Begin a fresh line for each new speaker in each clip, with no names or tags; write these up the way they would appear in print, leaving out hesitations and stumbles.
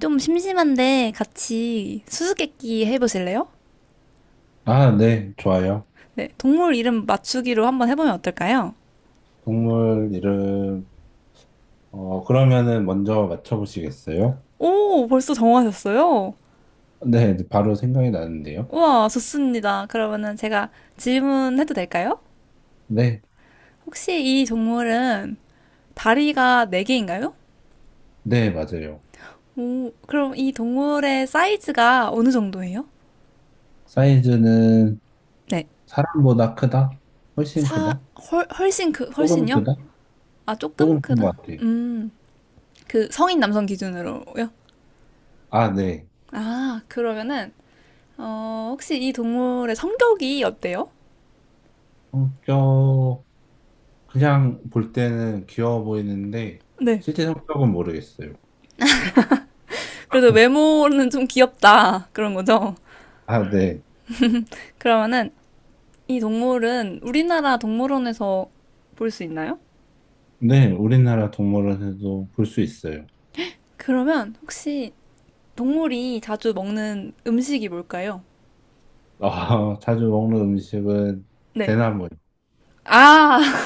좀 심심한데 같이 수수께끼 해보실래요?
아, 네, 좋아요.
네, 동물 이름 맞추기로 한번 해보면 어떨까요?
동물 이름, 그러면은 먼저 맞춰보시겠어요?
오, 벌써 정하셨어요?
네, 바로 생각이 나는데요.
우와, 좋습니다. 그러면은 제가 질문해도 될까요?
네,
혹시 이 동물은 다리가 네개인가요?
네, 맞아요.
오, 그럼 이 동물의 사이즈가 어느 정도예요?
사이즈는
네,
사람보다 크다? 훨씬
사,
크다?
훨씬
조금
훨씬요?
크다?
아, 조금
조금 큰
크다.
것 같아요.
음, 그 성인 남성 기준으로요?
아, 네.
아, 그러면은 혹시 이 동물의 성격이 어때요?
성격, 그냥 볼 때는 귀여워 보이는데,
네.
실제 성격은 모르겠어요.
그래도 외모는 좀 귀엽다. 그런 거죠?
아, 네.
그러면은 이 동물은 우리나라 동물원에서 볼 수 있나요?
네, 우리나라 동물원에도 볼 수 있어요.
그러면 혹시 동물이 자주 먹는 음식이 뭘까요?
아, 자주 먹는 음식은
네.
대나무예요.
아,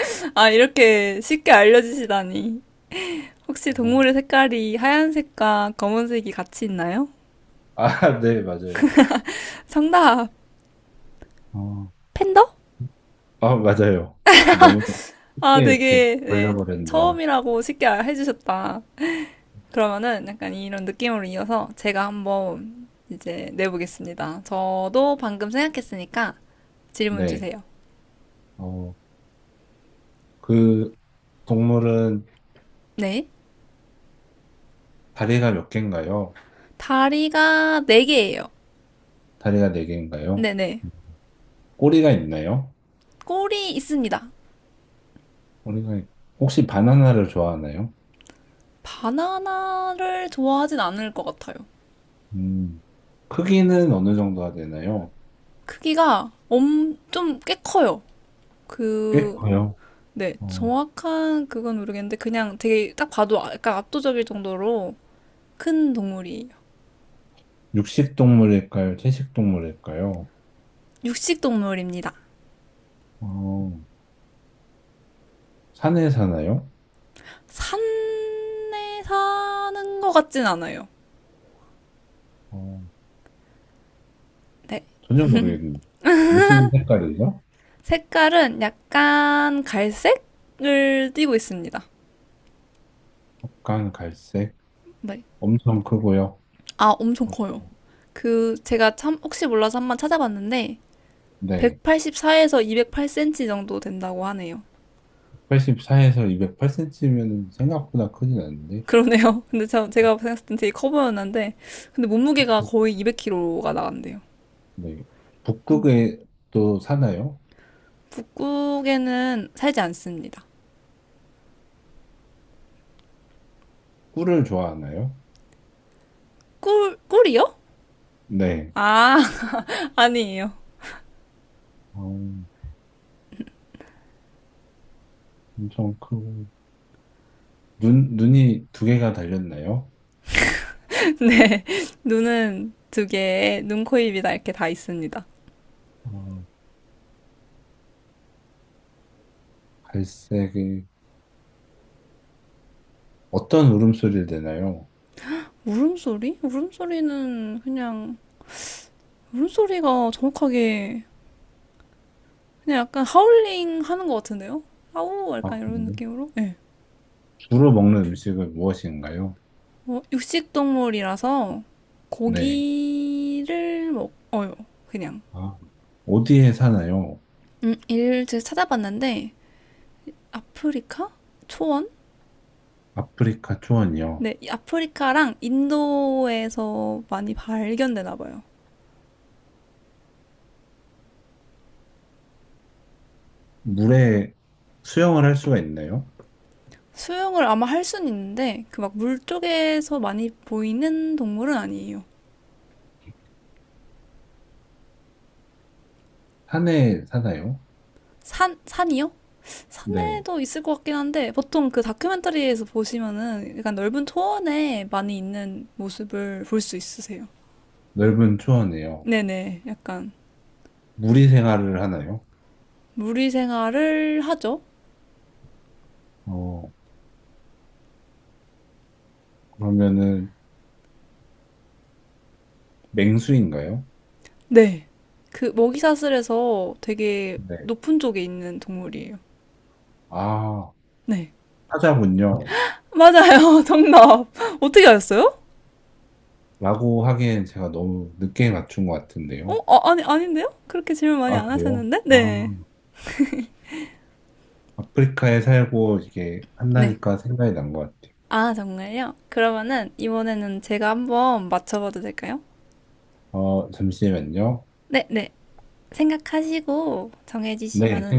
아, 이렇게 쉽게 알려주시다니. 혹시 동물의 색깔이 하얀색과 검은색이 같이 있나요?
아, 네, 맞아요.
정답!
어,
팬더?
아, 맞아요. 너무
아,
쉽게 이렇게
되게, 네,
걸려버렸네요.
처음이라고 쉽게 해주셨다. 그러면은 약간 이런 느낌으로 이어서 제가 한번 이제 내보겠습니다. 저도 방금 생각했으니까 질문
네.
주세요.
어, 그 동물은
네.
다리가 몇 개인가요?
다리가 네개예요.
다리가 네 개인가요?
네네.
꼬리가 있나요?
꼬리 있습니다.
꼬리가 있- 혹시 바나나를 좋아하나요?
바나나를 좋아하진 않을 것 같아요.
음, 크기는 어느 정도가 되나요?
크기가 좀 꽤 커요.
꽤
그,
커요.
네.
어,
정확한 그건 모르겠는데 그냥 되게 딱 봐도 약간 압도적일 정도로 큰 동물이에요.
육식 동물일까요? 채식 동물일까요?
육식 동물입니다.
어, 산에 사나요?
산에 사는 것 같진 않아요.
어,
네.
전혀 모르겠는데. 무슨 색깔이죠?
색깔은 약간 갈색을 띠고 있습니다.
약간 갈색.
네.
엄청 크고요.
아, 엄청
어,
커요. 그, 제가 참, 혹시 몰라서 한번 찾아봤는데,
네.
184에서 208cm 정도 된다고 하네요.
84에서 208 cm면 생각보다 크진 않은데.
그러네요. 근데 참 제가 생각했을 땐 되게 커 보였는데, 근데 몸무게가
혹시,
거의 200kg가 나간대요.
네. 북극에 또 사나요?
북극에는 살지 않습니다.
꿀을 좋아하나요?
꿀이요?
네.
아, 아니에요.
어, 엄청 크고. 눈, 눈이 두 개가 달렸나요?
네, 눈은 두 개에 눈, 코, 입이 다 이렇게 다 있습니다.
어, 갈색이 어떤 울음소리를 내나요?
울음소리? 울음소리는 그냥 울음소리가 정확하게 그냥 약간 하울링 하는 것 같은데요? 하우 약간
아,
이런
그래요?
느낌으로? 네.
주로 먹는 음식은 무엇인가요?
뭐 육식 동물이라서
네.
고기를 먹어요. 그냥.
아, 어디에 사나요?
일제 찾아봤는데 아프리카? 초원?
아프리카 초원이요.
네, 이 아프리카랑 인도에서 많이 발견되나 봐요.
물에 수영을 할 수가 있나요?
수영을 아마 할 순 있는데 그 막 물 쪽에서 많이 보이는 동물은 아니에요.
산에 사나요?
산 산이요?
네.
산에도 있을 것 같긴 한데 보통 그 다큐멘터리에서 보시면은 약간 넓은 초원에 많이 있는 모습을 볼 수 있으세요.
넓은 초원에요.
네네, 약간
무리 생활을 하나요?
무리 생활을 하죠.
어, 그러면은 맹수인가요?
네, 그 먹이사슬에서 되게
네.
높은 쪽에 있는 동물이에요.
아,
네,
사자군요.
맞아요, 정답. 어떻게 아셨어요?
라고 하기엔 제가 너무 늦게 맞춘 것 같은데요.
아, 아니 아닌데요? 그렇게 질문 많이
아,
안
그래요?
하셨는데?
아,
네,
아프리카에 살고 이게
네.
한다니까 생각이 난 것 같아요.
아, 정말요? 그러면은 이번에는 제가 한번 맞춰봐도 될까요?
어, 잠시만요.
네, 네. 생각하시고
네,
정해지시면은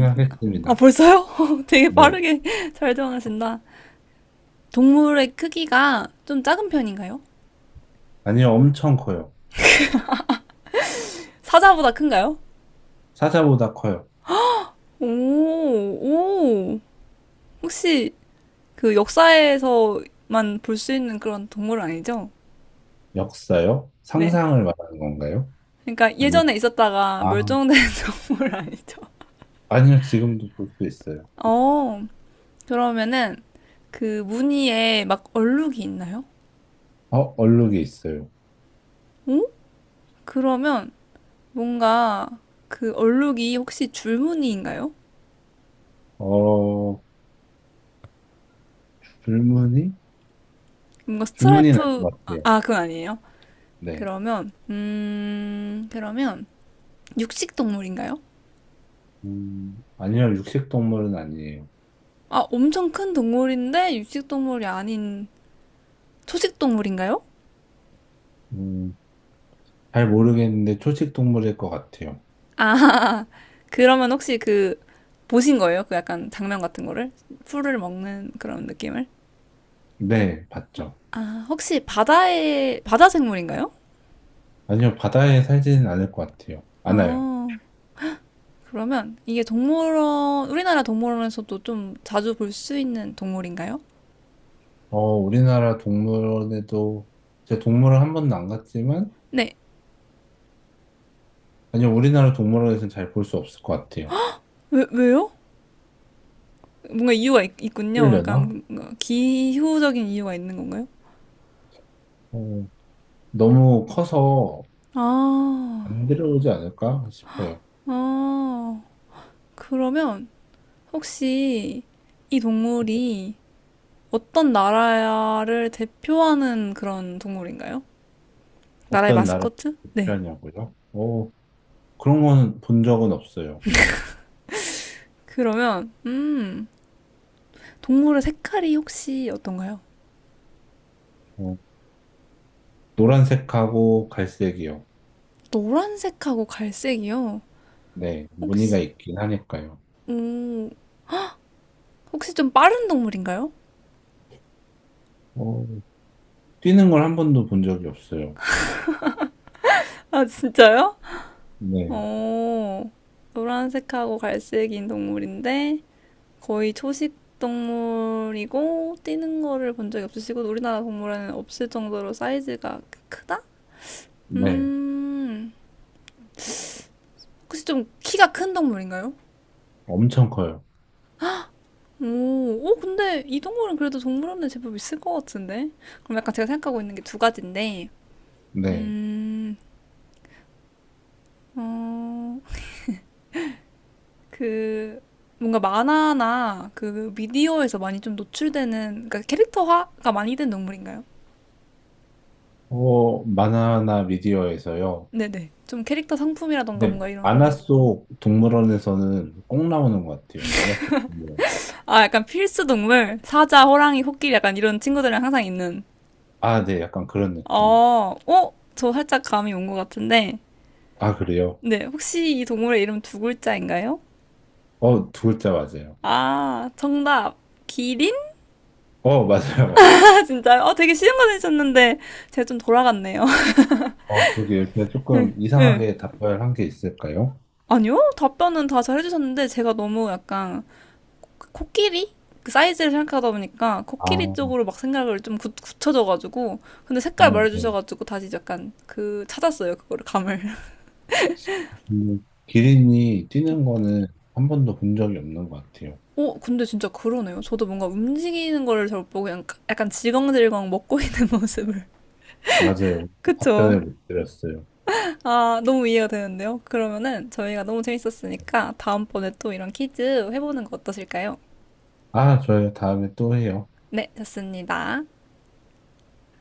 아, 벌써요? 되게
네.
빠르게 잘 정하신다. 동물의 크기가 좀 작은 편인가요?
아니요, 엄청 커요.
사자보다 큰가요?
사자보다 커요.
오, 오. 혹시 그 역사에서만 볼 수 있는 그런 동물 아니죠?
역사요?
네.
상상을 말하는 건가요?
그러니까
아니면,
예전에 있었다가
아,
멸종된 동물 아니죠?
아니요, 지금도 볼 수 있어요.
어, 그러면은 그 무늬에 막 얼룩이 있나요?
어, 얼룩이 있어요.
오? 그러면 뭔가 그 얼룩이 혹시 줄무늬인가요?
어, 불문이?
뭔가
불문이 날
스트라이프
것 같아요.
그건 아니에요.
네.
그러면 육식 동물인가요?
아니요, 육식 동물은 아니에요.
아 엄청 큰 동물인데 육식 동물이 아닌 초식 동물인가요?
음, 잘 모르겠는데 초식 동물일 것 같아요.
아 그러면 혹시 그 보신 거예요? 그 약간 장면 같은 거를 풀을 먹는 그런 느낌을?
네, 봤죠.
아 혹시 바다 생물인가요?
아니요, 바다에 살지는 않을 것 같아요. 않아요.
어, 그러면 이게 우리나라 동물원에서도 좀 자주 볼 수 있는 동물인가요?
어, 우리나라 동물원에도, 제 동물원 한 번도 안 갔지만,
네.
아니요, 우리나라 동물원에서는 잘 볼 수 없을 것 같아요.
왜요? 뭔가 이유가 있군요.
풀려나?
약간 뭔가 기후적인 이유가 있는 건가요?
어, 너무 커서
아,
안 들어오지 않을까 싶어요.
아, 그러면 혹시 이 동물이 어떤 나라를 대표하는 그런 동물인가요? 나라의
어떤 나라를
마스코트? 네.
표현하냐고요? 어, 그런 건 본 적은 없어요.
그러면, 동물의 색깔이 혹시 어떤가요?
어, 노란색하고 갈색이요.
노란색하고 갈색이요.
네, 무늬가
혹시,
있긴 하니까요.
음, 혹시 좀 빠른 동물인가요?
어, 뛰는 걸 한 번도 본 적이 없어요.
아, 진짜요?
네,
어, 노란색하고 갈색인 동물인데 거의 초식 동물이고 뛰는 거를 본 적이 없으시고 우리나라 동물원에는 없을 정도로 사이즈가 크다?
네,
음, 혹시 좀 키가 큰 동물인가요?
엄청 커요.
오, 오, 근데 이 동물은 그래도 동물원에 제법 있을 것 같은데? 그럼 약간 제가 생각하고 있는 게 두 가지인데,
네,
음, 어, 그 뭔가 만화나 그 미디어에서 많이 좀 노출되는 그러니까 캐릭터화가 많이 된 동물인가요?
만화나 미디어에서요.
네네. 좀 캐릭터 상품이라던가
근데
뭔가 이런
만화 속 동물원에서는 꼭 나오는 것 같아요. 만화 속 동물원.
아 약간 필수 동물 사자, 호랑이, 코끼리 약간 이런 친구들이랑 항상 있는
아, 네, 약간 그런 느낌.
어, 어? 저 살짝 감이 온 것 같은데
아, 그래요?
네 혹시 이 동물의 이름 두 글자인가요?
어, 두 글자 맞아요.
아 정답 기린?
어, 맞아요.
아 진짜요? 되게 쉬운 거 내셨는데 제가 좀 돌아갔네요.
어, 그러게 요새
응.
조금
응.
이상하게 답변을 한 게 있을까요?
아니요 답변은 다 잘 해주셨는데 제가 너무 약간 코끼리? 그 사이즈를 생각하다 보니까
아,
코끼리
어,
쪽으로 막 생각을 좀 굳혀져가지고 근데 색깔
네.
말해주셔가지고 다시 약간 그 찾았어요 그거를 감을
기린이 뛰는 거는 한 번도 본 적이 없는 것 같아요.
근데 진짜 그러네요 저도 뭔가 움직이는 거를 잘 못 보고 그냥 약간 질겅질겅 먹고 있는 모습을
맞아요.
그쵸
답변을 못 드렸어요.
아 너무 이해가 되는데요 그러면은 저희가 너무 재밌었으니까 다음번에 또 이런 퀴즈 해보는 거 어떠실까요?
아, 저요. 다음에 또 해요.
네 좋습니다